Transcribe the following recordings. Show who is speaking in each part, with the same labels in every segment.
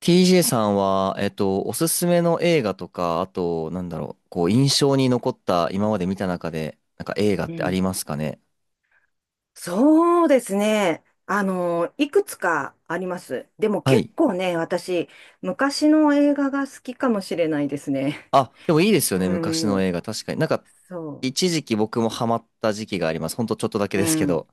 Speaker 1: TJ さんは、おすすめの映画とか、あと、なんだろう、こう、印象に残った、今まで見た中で、なんか映画っ
Speaker 2: う
Speaker 1: てあ
Speaker 2: ん。
Speaker 1: りますかね？
Speaker 2: そうですね。いくつかあります。でも
Speaker 1: は
Speaker 2: 結
Speaker 1: い。
Speaker 2: 構ね、私、昔の映画が好きかもしれないですね。
Speaker 1: あ、でもいいです よ
Speaker 2: う
Speaker 1: ね、昔の映
Speaker 2: ん。
Speaker 1: 画。確かに。なんか、
Speaker 2: そ
Speaker 1: 一時期僕もハマった時期があります。ほんとちょっとだけ
Speaker 2: う。う
Speaker 1: ですけ
Speaker 2: ん。
Speaker 1: ど。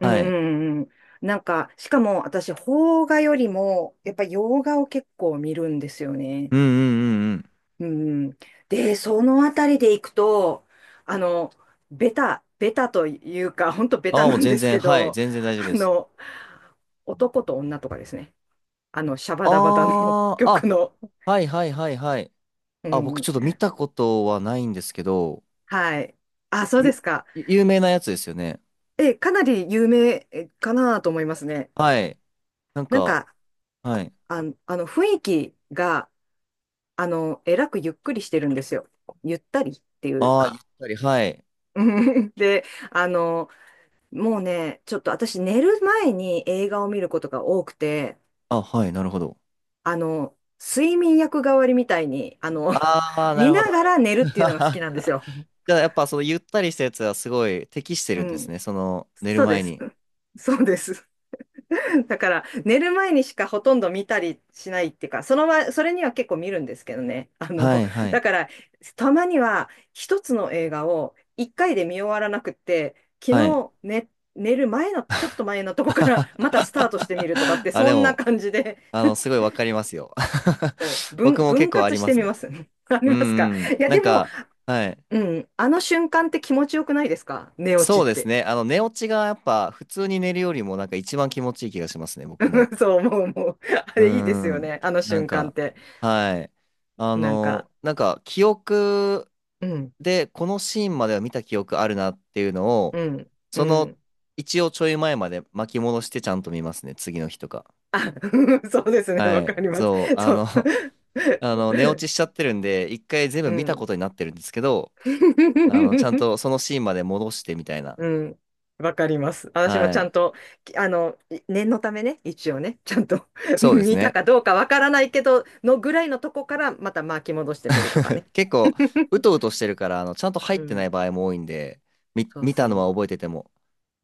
Speaker 2: うんう
Speaker 1: はい。
Speaker 2: んうん。なんか、しかも私、邦画よりも、やっぱ洋画を結構見るんですよね。
Speaker 1: うんうんうんうん。
Speaker 2: うん。で、そのあたりでいくと、あの、ベタというか、ほんとベタ
Speaker 1: ああ、
Speaker 2: な
Speaker 1: もう
Speaker 2: ん
Speaker 1: 全
Speaker 2: です
Speaker 1: 然、
Speaker 2: け
Speaker 1: はい、
Speaker 2: ど、
Speaker 1: 全然大丈夫で
Speaker 2: あ
Speaker 1: す。
Speaker 2: の、男と女とかですね。シャバダバダの
Speaker 1: ああ、
Speaker 2: 曲
Speaker 1: あ、
Speaker 2: の。
Speaker 1: はいはいはいはい。
Speaker 2: う
Speaker 1: あ、僕
Speaker 2: ん。
Speaker 1: ちょっと見たことはないんですけど、
Speaker 2: はい。あ、そうで
Speaker 1: ゆ、
Speaker 2: すか。
Speaker 1: 有名なやつですよね。
Speaker 2: かなり有名かなと思いますね。
Speaker 1: はい。なん
Speaker 2: なん
Speaker 1: か、
Speaker 2: か、
Speaker 1: はい。
Speaker 2: 雰囲気が、えらくゆっくりしてるんですよ。ゆったりっていう
Speaker 1: ああ、ゆっ
Speaker 2: か。
Speaker 1: たり、はい。
Speaker 2: で、あの、もうね、ちょっと私寝る前に映画を見ることが多くて、
Speaker 1: あ、はい、なるほど。
Speaker 2: 睡眠薬代わりみたいに、
Speaker 1: ああ、な
Speaker 2: 見
Speaker 1: るほど、
Speaker 2: な
Speaker 1: な
Speaker 2: がら寝るっ
Speaker 1: るほど。
Speaker 2: ていうのが好きなんです よ。
Speaker 1: じゃあ、やっぱそのゆったりしたやつはすごい適して
Speaker 2: う
Speaker 1: るんです
Speaker 2: ん。
Speaker 1: ね。その寝る
Speaker 2: そうで
Speaker 1: 前
Speaker 2: す。
Speaker 1: に。
Speaker 2: そうです。だから、寝る前にしかほとんど見たりしないっていうか、それには結構見るんですけどね。
Speaker 1: はい、は
Speaker 2: だ
Speaker 1: い、
Speaker 2: から、たまには一つの映画を一回で見終わらなくって、昨
Speaker 1: はい。
Speaker 2: 日寝、寝る前の、ちょっと前のとこからまたスタートしてみるとかっ て、
Speaker 1: あ、
Speaker 2: そ
Speaker 1: で
Speaker 2: んな
Speaker 1: も、
Speaker 2: 感じで、
Speaker 1: すごいわかりますよ。
Speaker 2: そう
Speaker 1: 僕も結
Speaker 2: 分
Speaker 1: 構あ
Speaker 2: 割
Speaker 1: り
Speaker 2: し
Speaker 1: ま
Speaker 2: て
Speaker 1: す
Speaker 2: み
Speaker 1: ね。
Speaker 2: ます。あ
Speaker 1: うん
Speaker 2: りますか？
Speaker 1: うん。
Speaker 2: いや、
Speaker 1: なん
Speaker 2: でも、
Speaker 1: か、はい。
Speaker 2: うん、あの瞬間って気持ちよくないですか？寝
Speaker 1: そ
Speaker 2: 落ち
Speaker 1: う
Speaker 2: っ
Speaker 1: です
Speaker 2: て。
Speaker 1: ね。寝落ちがやっぱ普通に寝るよりもなんか一番気持ちいい気がしますね、僕も。
Speaker 2: そう思う、思う。あ
Speaker 1: う
Speaker 2: れいいですよ
Speaker 1: ん。
Speaker 2: ね、あの
Speaker 1: なん
Speaker 2: 瞬間っ
Speaker 1: か、
Speaker 2: て。
Speaker 1: はい。
Speaker 2: なんか、
Speaker 1: なんか記憶
Speaker 2: うん。
Speaker 1: でこのシーンまでは見た記憶あるなっていうのを、
Speaker 2: うん、う
Speaker 1: その
Speaker 2: ん。
Speaker 1: 一応ちょい前まで巻き戻してちゃんと見ますね、次の日とか。
Speaker 2: あ、そうですね、
Speaker 1: は
Speaker 2: わ
Speaker 1: い。
Speaker 2: かります。
Speaker 1: そう、
Speaker 2: そう。
Speaker 1: 寝落 ちしちゃってるんで、一回全
Speaker 2: う
Speaker 1: 部見たこ
Speaker 2: ん。
Speaker 1: とになってるんですけど、ちゃん とそのシーンまで戻してみたいな。
Speaker 2: うん。わかります。私もち
Speaker 1: は
Speaker 2: ゃん
Speaker 1: い。
Speaker 2: と、きあの、念のためね、一応ね、ちゃんと
Speaker 1: そうです
Speaker 2: 見た
Speaker 1: ね。
Speaker 2: かどうかわからないけど、のぐらいのとこからまた巻き戻してみるとかね。
Speaker 1: 結構、う とうとしてるから、ちゃんと入
Speaker 2: う
Speaker 1: ってない
Speaker 2: ん。
Speaker 1: 場合も多いんで、
Speaker 2: そう
Speaker 1: 見たのは
Speaker 2: そ
Speaker 1: 覚えてても。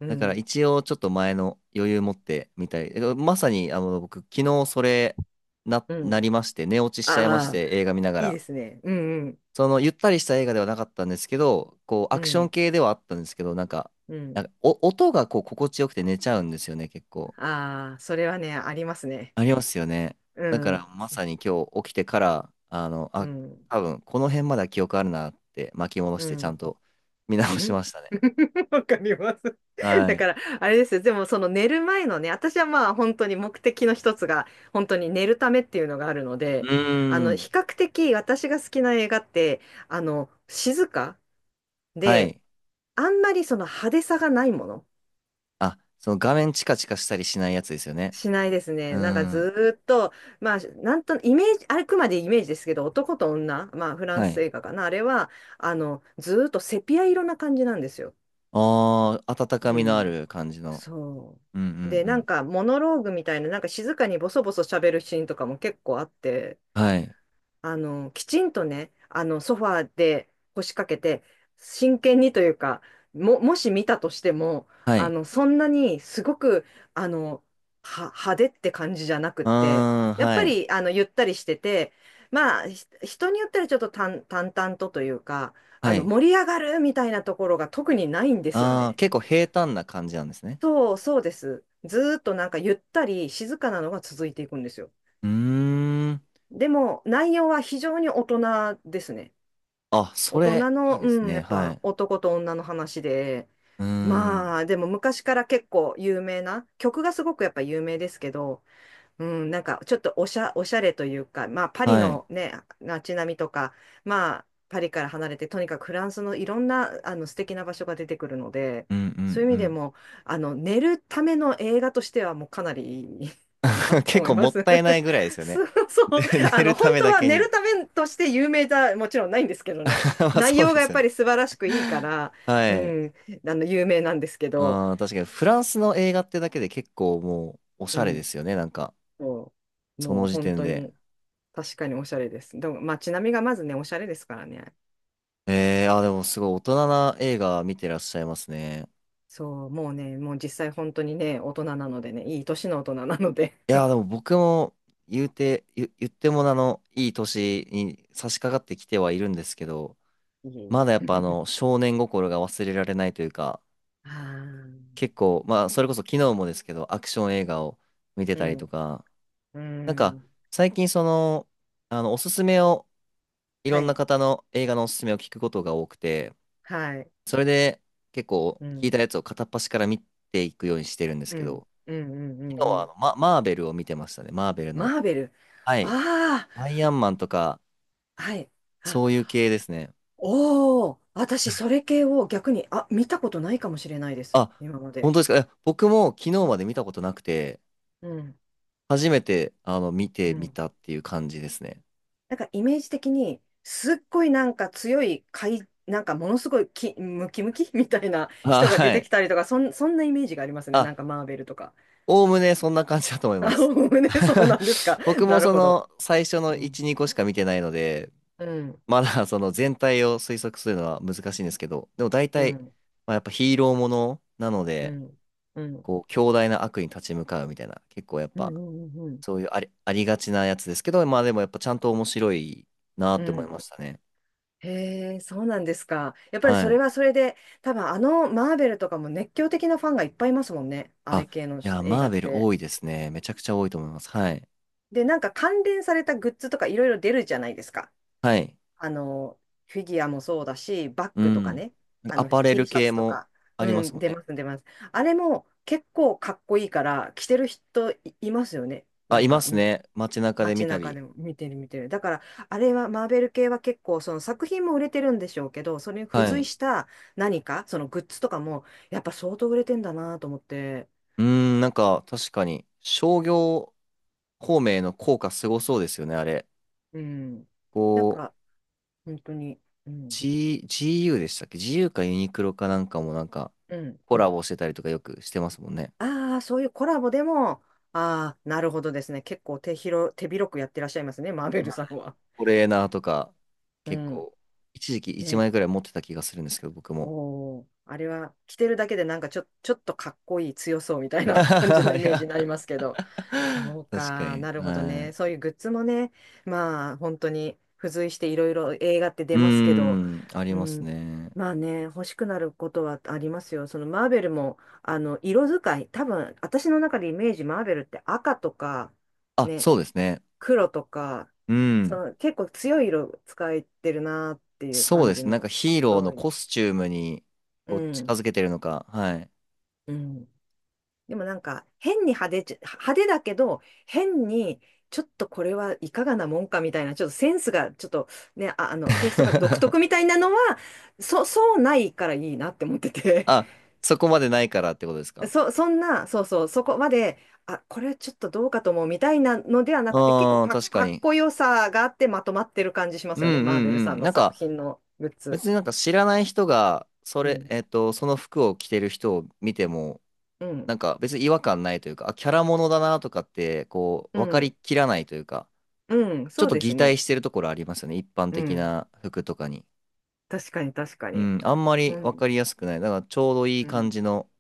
Speaker 2: う。う
Speaker 1: だから
Speaker 2: ん。
Speaker 1: 一応ちょっと前の余裕持ってみたい。まさに僕昨日それ
Speaker 2: うん。
Speaker 1: なりまして寝落ちしちゃいまし
Speaker 2: ああ、
Speaker 1: て映画見なが
Speaker 2: いい
Speaker 1: ら。
Speaker 2: ですね。うんうん。
Speaker 1: そのゆったりした映画ではなかったんですけど、こう
Speaker 2: う
Speaker 1: アクション
Speaker 2: ん。
Speaker 1: 系ではあったんですけど、なんか、
Speaker 2: う
Speaker 1: なん
Speaker 2: ん。
Speaker 1: か音がこう心地よくて寝ちゃうんですよね、結構。
Speaker 2: ああ、それはね、ありますね。
Speaker 1: ありますよね。
Speaker 2: う
Speaker 1: だか
Speaker 2: ん。
Speaker 1: らまさに今日起きてから、
Speaker 2: うん。
Speaker 1: 多分この辺までは記憶あるなって巻き戻し
Speaker 2: う
Speaker 1: てちゃん
Speaker 2: ん。
Speaker 1: と見
Speaker 2: う
Speaker 1: 直し
Speaker 2: ん、
Speaker 1: ましたね。
Speaker 2: わかります。
Speaker 1: は
Speaker 2: だ
Speaker 1: い。
Speaker 2: から、あれですよ。でも、その寝る前のね、私はまあ本当に目的の一つが、本当に寝るためっていうのがあるの
Speaker 1: う
Speaker 2: で、
Speaker 1: ー
Speaker 2: 比
Speaker 1: ん。
Speaker 2: 較的私が好きな映画って、静か
Speaker 1: は
Speaker 2: で、
Speaker 1: い。
Speaker 2: あんまりその派手さがないもの。
Speaker 1: あ、その画面チカチカしたりしないやつですよね。
Speaker 2: しないです
Speaker 1: う
Speaker 2: ね。なんか
Speaker 1: ん。
Speaker 2: ずーっと、まあ、なんと、イメージ、あくまでイメージですけど、男と女、まあ、フラン
Speaker 1: は
Speaker 2: ス
Speaker 1: い。
Speaker 2: 映画かな、あれは、ずーっとセピア色な感じなんですよ。
Speaker 1: ああ、温
Speaker 2: う
Speaker 1: かみのあ
Speaker 2: ん。
Speaker 1: る感じの。
Speaker 2: そ
Speaker 1: うんうん
Speaker 2: う。で、
Speaker 1: う
Speaker 2: なん
Speaker 1: ん。
Speaker 2: かモノローグみたいな、なんか静かにボソボソ喋るシーンとかも結構あって、
Speaker 1: はい。
Speaker 2: きちんとね、ソファーで腰掛けて、真剣にというか、もし見たとしても、
Speaker 1: はい。
Speaker 2: そんなにすごく、あの、派手って感じじゃなくっ
Speaker 1: う
Speaker 2: て、
Speaker 1: ーん、
Speaker 2: やっ
Speaker 1: は
Speaker 2: ぱ
Speaker 1: い。
Speaker 2: り、ゆったりしてて、まあ、人によったらちょっと淡々とというか、
Speaker 1: はい。
Speaker 2: 盛り上がるみたいなところが特にないんですよ
Speaker 1: ああ、
Speaker 2: ね。
Speaker 1: 結構平坦な感じなんですね。
Speaker 2: そうです。ずーっとなんかゆったり静かなのが続いていくんですよ。
Speaker 1: うーん。
Speaker 2: でも内容は非常に大人ですね。
Speaker 1: あ、そ
Speaker 2: 大
Speaker 1: れ、
Speaker 2: 人
Speaker 1: い
Speaker 2: の、
Speaker 1: いです
Speaker 2: うん、や
Speaker 1: ね。
Speaker 2: っ
Speaker 1: は
Speaker 2: ぱ
Speaker 1: い。
Speaker 2: 男と女の話で、
Speaker 1: うーん。
Speaker 2: まあでも昔から結構有名な、曲がすごくやっぱ有名ですけど、うん、なんかちょっとおしゃれというか、まあパリ
Speaker 1: はい。
Speaker 2: のね、街並みとか、まあパリから離れて、とにかくフランスのいろんな素敵な場所が出てくるので、
Speaker 1: うんう
Speaker 2: そういう意味で
Speaker 1: ん
Speaker 2: も、あの寝るための映画としてはもうかなりいいかな
Speaker 1: う
Speaker 2: っ
Speaker 1: ん。
Speaker 2: て
Speaker 1: 結
Speaker 2: 思い
Speaker 1: 構
Speaker 2: ま
Speaker 1: もっ
Speaker 2: す。
Speaker 1: たいないぐらいで すよね。
Speaker 2: そう、そう、
Speaker 1: ね寝るた
Speaker 2: 本
Speaker 1: め
Speaker 2: 当
Speaker 1: だ
Speaker 2: は
Speaker 1: け
Speaker 2: 寝
Speaker 1: に。
Speaker 2: るためとして有名じゃもちろんないんですけどね、
Speaker 1: まあ
Speaker 2: 内
Speaker 1: そう
Speaker 2: 容
Speaker 1: で
Speaker 2: がやっ
Speaker 1: すよ
Speaker 2: ぱ
Speaker 1: ね。
Speaker 2: り素晴らしくいいから、う
Speaker 1: はい。
Speaker 2: ん、有名なんですけど、
Speaker 1: ああ、確かにフランスの映画ってだけで結構もうおし
Speaker 2: う
Speaker 1: ゃれで
Speaker 2: ん、
Speaker 1: すよね、なんか、
Speaker 2: そう
Speaker 1: そ
Speaker 2: もう
Speaker 1: の時
Speaker 2: 本
Speaker 1: 点
Speaker 2: 当
Speaker 1: で。
Speaker 2: に。確かにおしゃれです。でも、まあ街並みがまずね、おしゃれですからね。
Speaker 1: ええー、あー、でもすごい大人な映画見てらっしゃいますね。
Speaker 2: そう、もうね、もう実際本当にね、大人なのでね、いい年の大人なので。
Speaker 1: いやー、でも僕も言ってもいい年に差し掛かってきてはいるんですけど、
Speaker 2: いえ
Speaker 1: ま
Speaker 2: い
Speaker 1: だやっぱ
Speaker 2: え。
Speaker 1: 少年心が忘れられないというか、
Speaker 2: ああ、
Speaker 1: 結構、まあ、それこそ昨日もですけど、アクション映画を見て
Speaker 2: う
Speaker 1: たりと
Speaker 2: ん、
Speaker 1: か、
Speaker 2: う
Speaker 1: なんか、
Speaker 2: ん、
Speaker 1: 最近おすすめを、い
Speaker 2: は
Speaker 1: ろんな
Speaker 2: い、
Speaker 1: 方の映画のおすすめを聞くことが多くて、
Speaker 2: はい、
Speaker 1: それで結構
Speaker 2: う
Speaker 1: 聞いた
Speaker 2: ん、
Speaker 1: やつを片っ端から見ていくようにしてるんです
Speaker 2: う
Speaker 1: け
Speaker 2: ん、
Speaker 1: ど、
Speaker 2: うん、うん、う
Speaker 1: 昨日
Speaker 2: ん
Speaker 1: は
Speaker 2: うん。
Speaker 1: マーベルを見てましたね。マーベルの。
Speaker 2: マーベル。
Speaker 1: はい。
Speaker 2: あ
Speaker 1: アイアンマンとか、
Speaker 2: あ、はい。あ、
Speaker 1: そういう系ですね。
Speaker 2: おお、私、それ系を逆に、あ、見たことないかもしれないです。
Speaker 1: あ、
Speaker 2: 今ま
Speaker 1: 本
Speaker 2: で。
Speaker 1: 当ですか。僕も昨日まで見たことなくて、
Speaker 2: うん、
Speaker 1: 初めて見て
Speaker 2: う
Speaker 1: み
Speaker 2: ん。
Speaker 1: たっていう感じですね。
Speaker 2: なんかイメージ的に、すっごいなんか強い、なんかものすごいムキムキ みたいな
Speaker 1: あ、
Speaker 2: 人が出
Speaker 1: は
Speaker 2: て
Speaker 1: い。
Speaker 2: きたりとか、そんなイメージがありますね。
Speaker 1: あ、
Speaker 2: なんかマーベルとか。
Speaker 1: おおむねそんな感じだと思い
Speaker 2: あ、
Speaker 1: ます。
Speaker 2: ね、そうなんですか。
Speaker 1: 僕も
Speaker 2: なる
Speaker 1: そ
Speaker 2: ほど。
Speaker 1: の最初の
Speaker 2: うん。
Speaker 1: 1、2個しか見てないので、
Speaker 2: うん。
Speaker 1: まだその全体を推測するのは難しいんですけど、でも大
Speaker 2: う
Speaker 1: 体、
Speaker 2: ん。
Speaker 1: まあ、やっぱヒーローものなの
Speaker 2: う
Speaker 1: で、
Speaker 2: ん。うん。
Speaker 1: こう、強大な悪に立ち向かうみたいな、結構やっ
Speaker 2: う
Speaker 1: ぱ、
Speaker 2: ん。うん。
Speaker 1: そういうありがちなやつですけど、まあでもやっぱちゃんと面白いな
Speaker 2: う
Speaker 1: って思い
Speaker 2: ん。
Speaker 1: ましたね。
Speaker 2: へえ、そうなんですか。やっぱり
Speaker 1: は
Speaker 2: それ
Speaker 1: い。
Speaker 2: はそれで、多分マーベルとかも熱狂的なファンがいっぱいいますもんね。あれ
Speaker 1: あ、
Speaker 2: 系の
Speaker 1: いや、
Speaker 2: 映
Speaker 1: マ
Speaker 2: 画
Speaker 1: ー
Speaker 2: っ
Speaker 1: ベル
Speaker 2: て。
Speaker 1: 多いですね。めちゃくちゃ多いと思います。はい。
Speaker 2: で、なんか関連されたグッズとかいろいろ出るじゃないですか。
Speaker 1: はい。
Speaker 2: あの、フィギュアもそうだし、バッ
Speaker 1: う
Speaker 2: グとか
Speaker 1: ん。
Speaker 2: ね、
Speaker 1: アパレル
Speaker 2: T シャ
Speaker 1: 系
Speaker 2: ツと
Speaker 1: も
Speaker 2: か、
Speaker 1: あり
Speaker 2: う
Speaker 1: ます
Speaker 2: ん、
Speaker 1: もん
Speaker 2: 出
Speaker 1: ね。
Speaker 2: ます、出ます。あれも結構かっこいいから、着てるいますよね。
Speaker 1: あ、
Speaker 2: なん
Speaker 1: いま
Speaker 2: か、
Speaker 1: すね。街中で見
Speaker 2: 街
Speaker 1: た
Speaker 2: 中
Speaker 1: り。
Speaker 2: でも見てる、見てる。だから、あれは、マーベル系は結構、その作品も売れてるんでしょうけど、それに付
Speaker 1: は
Speaker 2: 随
Speaker 1: い。
Speaker 2: した何か、そのグッズとかも、やっぱ相当売れてんだなと思って、
Speaker 1: うーん、なんか確かに商業孔明の効果すごそうですよね、あれ。
Speaker 2: うん。なん
Speaker 1: こう、
Speaker 2: か、本当に、うん、
Speaker 1: GU でしたっけ？ GU かユニクロかなんかもなんか
Speaker 2: うん。
Speaker 1: コラボしてたりとかよくしてますもんね。
Speaker 2: ああ、そういうコラボでも、ああ、なるほどですね。結構手広くやってらっしゃいますね、マーベルさんは。
Speaker 1: トレーナーとか
Speaker 2: う
Speaker 1: 結
Speaker 2: ん。
Speaker 1: 構一時期1
Speaker 2: ね。
Speaker 1: 円くらい持ってた気がするんですけど、僕も。
Speaker 2: おお、あれは着てるだけでなんかちょ、ちょっとかっこいい強そうみたい な感じのイ
Speaker 1: い
Speaker 2: メージ
Speaker 1: や、
Speaker 2: になりますけど、そう
Speaker 1: 確か
Speaker 2: か、
Speaker 1: に。
Speaker 2: なるほど
Speaker 1: は
Speaker 2: ね。そ
Speaker 1: い。
Speaker 2: ういうグッズもね、まあ本当に付随していろいろ映画って
Speaker 1: う
Speaker 2: 出
Speaker 1: ー
Speaker 2: ますけど、
Speaker 1: ん、あり
Speaker 2: う
Speaker 1: ます
Speaker 2: ん、
Speaker 1: ね。
Speaker 2: まあね、欲しくなることはありますよ。そのマーベルも、色使い、多分私の中でイメージマーベルって赤とか、
Speaker 1: あ、
Speaker 2: ね、
Speaker 1: そうですね。
Speaker 2: 黒とか、
Speaker 1: う
Speaker 2: そ
Speaker 1: ん。
Speaker 2: の結構強い色使えてるなっていう
Speaker 1: そう
Speaker 2: 感
Speaker 1: で
Speaker 2: じ
Speaker 1: すね。なん
Speaker 2: の、
Speaker 1: かヒーロー
Speaker 2: 多
Speaker 1: の
Speaker 2: い。
Speaker 1: コスチュームに
Speaker 2: う
Speaker 1: こう近
Speaker 2: ん。
Speaker 1: づけてるのか。はい。
Speaker 2: うん。でもなんか変に派手だけど変にちょっとこれはいかがなもんかみたいなちょっとセンスがちょっとねテイストが独特み たいなのはそうないからいいなって思ってて
Speaker 1: あ、そこまでないからってことです か。
Speaker 2: そんなそうそうそこまであこれちょっとどうかと思うみたいなのではなくて結構
Speaker 1: うん、確か
Speaker 2: かっ
Speaker 1: に。
Speaker 2: こよさがあってまとまってる感じしま
Speaker 1: うん
Speaker 2: す
Speaker 1: う
Speaker 2: よねマーベルさ
Speaker 1: んう
Speaker 2: ん
Speaker 1: ん。
Speaker 2: の
Speaker 1: なん
Speaker 2: 作
Speaker 1: か、
Speaker 2: 品のグッズ。
Speaker 1: 別になんか知らない人が、そ
Speaker 2: う
Speaker 1: れ、
Speaker 2: ん、
Speaker 1: えっと、その服を着てる人を見ても、
Speaker 2: うん、
Speaker 1: なんか別に違和感ないというか、あ、キャラものだなとかって、こう、
Speaker 2: う
Speaker 1: 分かり
Speaker 2: ん、
Speaker 1: きらないというか、
Speaker 2: うん、
Speaker 1: ちょっ
Speaker 2: そう
Speaker 1: と
Speaker 2: です
Speaker 1: 擬態
Speaker 2: ね。
Speaker 1: してるところありますよね。一般
Speaker 2: う
Speaker 1: 的
Speaker 2: ん、
Speaker 1: な服とかに。
Speaker 2: 確かに確か
Speaker 1: う
Speaker 2: に。
Speaker 1: ん、あんま
Speaker 2: う
Speaker 1: り分
Speaker 2: ん
Speaker 1: かりやすくない。だからちょうどいい
Speaker 2: う
Speaker 1: 感
Speaker 2: ん
Speaker 1: じの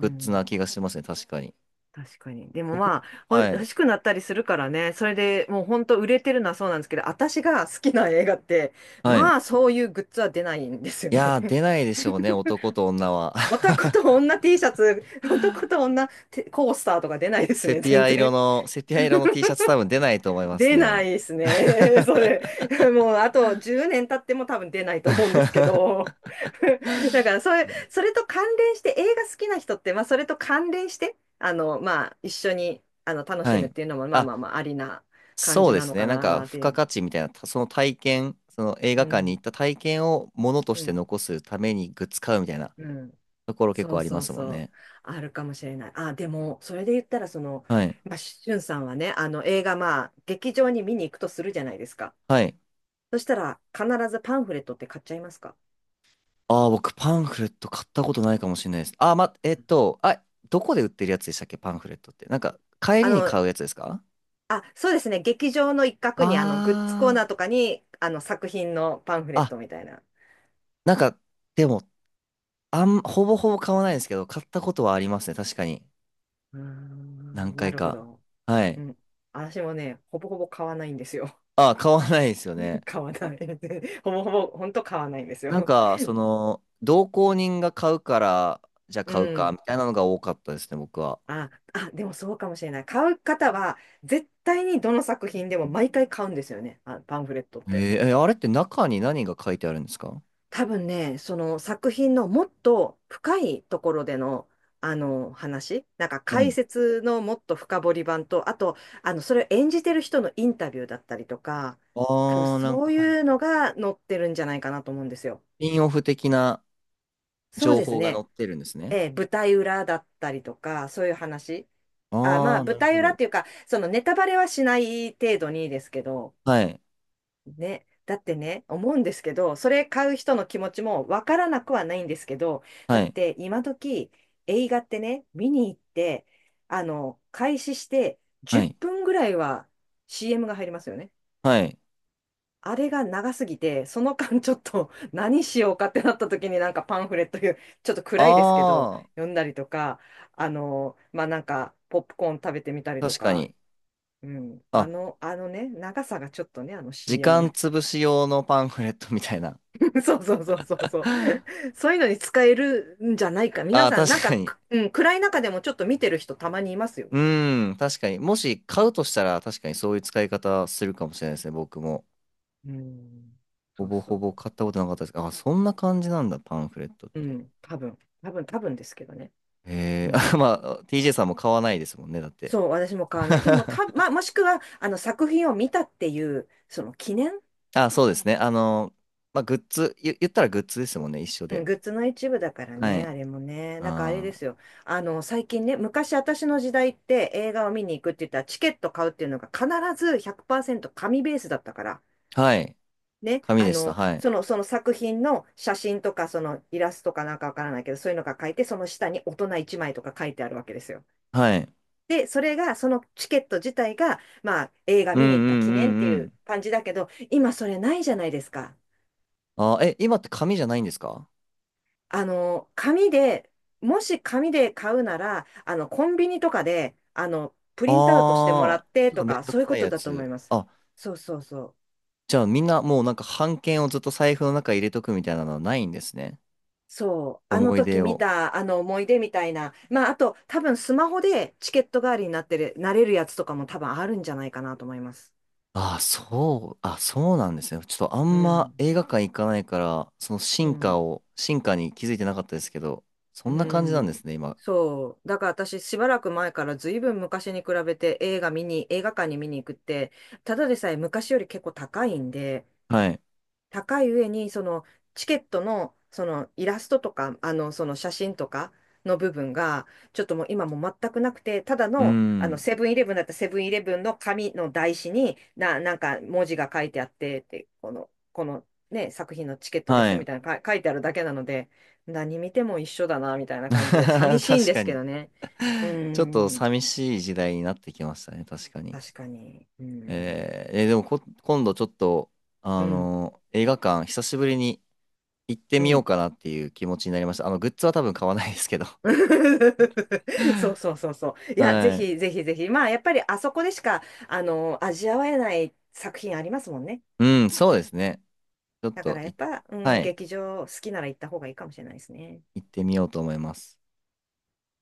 Speaker 2: う
Speaker 1: ッズ
Speaker 2: ん、
Speaker 1: な気がしますね。確かに。
Speaker 2: 確かに。でも
Speaker 1: 僕、
Speaker 2: まあ、
Speaker 1: は
Speaker 2: 欲
Speaker 1: い。
Speaker 2: しくなったりするからね、それでもう本当売れてるのはそうなんですけど、私が好きな映画って、
Speaker 1: はい。
Speaker 2: まあそういうグッズは出ないんですよ
Speaker 1: い
Speaker 2: ね。
Speaker 1: やー、出ないでしょうね、男と女は。
Speaker 2: 男 と女 T シャツ、男と女てコースターとか出ないです
Speaker 1: セ
Speaker 2: ね、
Speaker 1: ピ
Speaker 2: 全
Speaker 1: ア色
Speaker 2: 然。
Speaker 1: の、セピア色の T シャツ多分出ないと思います
Speaker 2: 出な
Speaker 1: ね。
Speaker 2: いですね。それ。もう、あと10年経っても多分出ないと思うんですけど。だから、それと関連して、映画好きな人って、それと関連して、一緒に、楽し
Speaker 1: は
Speaker 2: むっ
Speaker 1: い。
Speaker 2: ていうのも、
Speaker 1: あ、
Speaker 2: ありな感
Speaker 1: そう
Speaker 2: じ
Speaker 1: で
Speaker 2: な
Speaker 1: す
Speaker 2: の
Speaker 1: ね。
Speaker 2: か
Speaker 1: なんか、
Speaker 2: なっ
Speaker 1: 付
Speaker 2: てい
Speaker 1: 加
Speaker 2: う。
Speaker 1: 価値みたいな、その体験、その映
Speaker 2: う
Speaker 1: 画館に行
Speaker 2: ん、
Speaker 1: った体験をものと
Speaker 2: う
Speaker 1: して
Speaker 2: ん、
Speaker 1: 残すためにグッズ買うみたいな
Speaker 2: うん。
Speaker 1: ところ結
Speaker 2: そ
Speaker 1: 構
Speaker 2: う
Speaker 1: ありま
Speaker 2: そう
Speaker 1: すもん
Speaker 2: そう。
Speaker 1: ね。
Speaker 2: あるかもしれない。あ、でも、それで言ったら、
Speaker 1: はい。
Speaker 2: まあ、しゅんさんはね、あの、映画、まあ、劇場に見に行くとするじゃないですか。
Speaker 1: はい。
Speaker 2: そしたら、必ずパンフレットって買っちゃいますか？
Speaker 1: ああ、僕、パンフレット買ったことないかもしれないです。どこで売ってるやつでしたっけ、パンフレットって。なんか、帰
Speaker 2: あ
Speaker 1: りに
Speaker 2: の、
Speaker 1: 買うやつですか？
Speaker 2: あ、そうですね。劇場の一角
Speaker 1: あ
Speaker 2: に、あの、グッズコーナーとかに、あの、作品のパンフレ
Speaker 1: あー、
Speaker 2: ッ
Speaker 1: あ、
Speaker 2: トみたいな。
Speaker 1: なんか、でも、ほぼほぼ買わないですけど、買ったことはありますね。確かに。
Speaker 2: うー
Speaker 1: 何
Speaker 2: ん、な
Speaker 1: 回
Speaker 2: るほ
Speaker 1: か。
Speaker 2: ど。
Speaker 1: は
Speaker 2: う
Speaker 1: い。
Speaker 2: ん。私もね、ほぼほぼ買わないんですよ。
Speaker 1: あ、買わないですよね。
Speaker 2: 買わない。ほぼほぼ、ほんと買わないんです
Speaker 1: なん
Speaker 2: よ。
Speaker 1: か、その、同行人が買うから、じゃあ
Speaker 2: う
Speaker 1: 買うか、み
Speaker 2: ん。
Speaker 1: たいなのが多かったですね、僕は。
Speaker 2: あ、でもそうかもしれない。買う方は、絶対にどの作品でも毎回買うんですよね。あ、パンフレットっ
Speaker 1: えー
Speaker 2: て。
Speaker 1: えあれって中に何が書いてあるんですか？
Speaker 2: 多分ね、その作品のもっと深いところでの、あの話、なんか
Speaker 1: は
Speaker 2: 解
Speaker 1: い。
Speaker 2: 説のもっと深掘り版と、あと、あの、それを演じてる人のインタビューだったりとか、多分
Speaker 1: あー、なん
Speaker 2: そ
Speaker 1: か、
Speaker 2: う
Speaker 1: はい。
Speaker 2: いうのが載ってるんじゃないかなと思うんですよ。
Speaker 1: ピンオフ的な
Speaker 2: そう
Speaker 1: 情
Speaker 2: です
Speaker 1: 報が載
Speaker 2: ね。
Speaker 1: ってるんですね。
Speaker 2: ええ、舞台裏だったりとか、そういう話。あ、ま
Speaker 1: あ
Speaker 2: あ、
Speaker 1: ー、な
Speaker 2: 舞
Speaker 1: る
Speaker 2: 台
Speaker 1: ほ
Speaker 2: 裏っ
Speaker 1: ど。
Speaker 2: ていうか、そのネタバレはしない程度にですけど、
Speaker 1: はい。
Speaker 2: ね、だってね、思うんですけど、それ買う人の気持ちもわからなくはないんですけど、だ
Speaker 1: は
Speaker 2: っ
Speaker 1: い。
Speaker 2: て今時映画ってね、見に行って、あの、開始して
Speaker 1: は
Speaker 2: 10
Speaker 1: い。
Speaker 2: 分ぐらいは CM が入りますよね。
Speaker 1: はい。
Speaker 2: あれが長すぎて、その間ちょっと 何しようかってなった時になんかパンフレットいう、ちょっと暗いですけど、
Speaker 1: あ
Speaker 2: 読んだりとか、あの、まあ、なんかポップコーン食べてみたり
Speaker 1: ー、
Speaker 2: と
Speaker 1: 確か
Speaker 2: か、
Speaker 1: に。
Speaker 2: うん、あ
Speaker 1: あ、
Speaker 2: の、あのね、長さがちょっとね、あの
Speaker 1: 時
Speaker 2: CM
Speaker 1: 間
Speaker 2: の。
Speaker 1: 潰し用のパンフレットみたいな。
Speaker 2: そうそうそうそうそう。そういうのに使えるんじゃないか。
Speaker 1: あ
Speaker 2: 皆
Speaker 1: あ、
Speaker 2: さん、
Speaker 1: 確
Speaker 2: なんか、
Speaker 1: かに。
Speaker 2: くうん、暗い中でもちょっと見てる人たまにいますよ。
Speaker 1: うん、確かに。もし買うとしたら、確かにそういう使い方するかもしれないですね、僕も。
Speaker 2: うん。
Speaker 1: ほ
Speaker 2: そう
Speaker 1: ぼほぼ
Speaker 2: そ
Speaker 1: 買ったことなかったです。あ、そんな感じなんだ、パンフレットっ
Speaker 2: う。う
Speaker 1: て。
Speaker 2: ん。多分ですけどね。
Speaker 1: え
Speaker 2: う
Speaker 1: え
Speaker 2: ん。
Speaker 1: あ、まあ、TJ さんも買わないですもんね、だって。
Speaker 2: そう、私も買わない。でも、た、まあ、もしくは、あの、作品を見たっていう、その記念、
Speaker 1: あ、そうですね。まあ、グッズ、言ったらグッズですもんね、一緒
Speaker 2: うん、
Speaker 1: で。
Speaker 2: グッズの一部だから
Speaker 1: は
Speaker 2: ね、あ
Speaker 1: い。
Speaker 2: れもね。なんかあれで
Speaker 1: あ
Speaker 2: すよ。あの、最近ね、昔私の時代って映画を見に行くって言ったら、チケット買うっていうのが必ず100%紙ベースだったから。
Speaker 1: ー、はい。
Speaker 2: ね、
Speaker 1: 紙
Speaker 2: あ
Speaker 1: でした、
Speaker 2: の、
Speaker 1: はい。
Speaker 2: その作品の写真とか、そのイラストかなんかわからないけど、そういうのが書いて、その下に大人1枚とか書いてあるわけですよ。
Speaker 1: はい。
Speaker 2: で、それが、そのチケット自体が、まあ、映画
Speaker 1: うんう
Speaker 2: 見に行った
Speaker 1: ん
Speaker 2: 記
Speaker 1: う
Speaker 2: 念って
Speaker 1: んう
Speaker 2: いう
Speaker 1: ん。
Speaker 2: 感じだけど、今それないじゃないですか。
Speaker 1: あー、え、今って紙じゃないんですか？
Speaker 2: あの、紙で、もし紙で買うなら、あの、コンビニとかで、あの、プリントアウトしても
Speaker 1: あ
Speaker 2: ら
Speaker 1: あー、
Speaker 2: って
Speaker 1: ちょっと
Speaker 2: と
Speaker 1: めん
Speaker 2: か、
Speaker 1: ど
Speaker 2: そ
Speaker 1: く
Speaker 2: ういう
Speaker 1: さ
Speaker 2: こ
Speaker 1: い
Speaker 2: と
Speaker 1: や
Speaker 2: だと思い
Speaker 1: つ。
Speaker 2: ます。そうそうそう。
Speaker 1: じゃあみんなもうなんか半券をずっと財布の中に入れとくみたいなのはないんですね。
Speaker 2: そう、あの
Speaker 1: 思い
Speaker 2: 時
Speaker 1: 出
Speaker 2: 見
Speaker 1: を。
Speaker 2: たあの思い出みたいな、まあ、あと多分スマホでチケット代わりになってる、なれるやつとかも多分あるんじゃないかなと思います。
Speaker 1: ああ、そう、あ、そうなんですね。ちょっとあ
Speaker 2: う
Speaker 1: んま
Speaker 2: ん、
Speaker 1: 映画館行かないから、その
Speaker 2: う
Speaker 1: 進化
Speaker 2: ん、
Speaker 1: を、進化に気づいてなかったですけど、そ
Speaker 2: う
Speaker 1: んな感じなんで
Speaker 2: ん。
Speaker 1: すね、今。
Speaker 2: そう、だから私しばらく前からずいぶん昔に比べて映画見に、映画館に見に行くって、ただでさえ昔より結構高いんで、
Speaker 1: はい。
Speaker 2: 高い上に、そのチケットの、そのイラストとか、あの、その写真とかの部分が、ちょっともう今もう全くなくて、ただ
Speaker 1: うー
Speaker 2: の、あの、
Speaker 1: ん。
Speaker 2: セブンイレブンだったらセブンイレブンの紙の台紙に、な、なんか文字が書いてあって、って、このね、作品のチケットで
Speaker 1: は
Speaker 2: すよ
Speaker 1: い。
Speaker 2: みたいなか書いてあるだけなので、何見ても一緒だな、みたいな感じで、寂 しいん
Speaker 1: 確
Speaker 2: で
Speaker 1: か
Speaker 2: すけ
Speaker 1: に。
Speaker 2: どね。うー
Speaker 1: ちょっと
Speaker 2: ん、
Speaker 1: 寂しい時代になってきましたね、確かに。
Speaker 2: 確かに。うーん、
Speaker 1: でも今度ちょっと、
Speaker 2: うん、
Speaker 1: 映画館、久しぶりに行って
Speaker 2: う
Speaker 1: みよう
Speaker 2: ん。
Speaker 1: かなっていう気持ちになりました。グッズは多分買わないですけど。
Speaker 2: そうそうそうそう。いや、ぜ
Speaker 1: はい。
Speaker 2: ひぜひぜひ。まあ、やっぱりあそこでしか、あの、味わえない作品ありますもんね。
Speaker 1: うん、そうですね。ちょっ
Speaker 2: だか
Speaker 1: と
Speaker 2: らやっ
Speaker 1: い、
Speaker 2: ぱ、う
Speaker 1: は
Speaker 2: ん、
Speaker 1: い、
Speaker 2: 劇場好きなら行った方がいいかもしれないですね。
Speaker 1: 行ってみようと思います。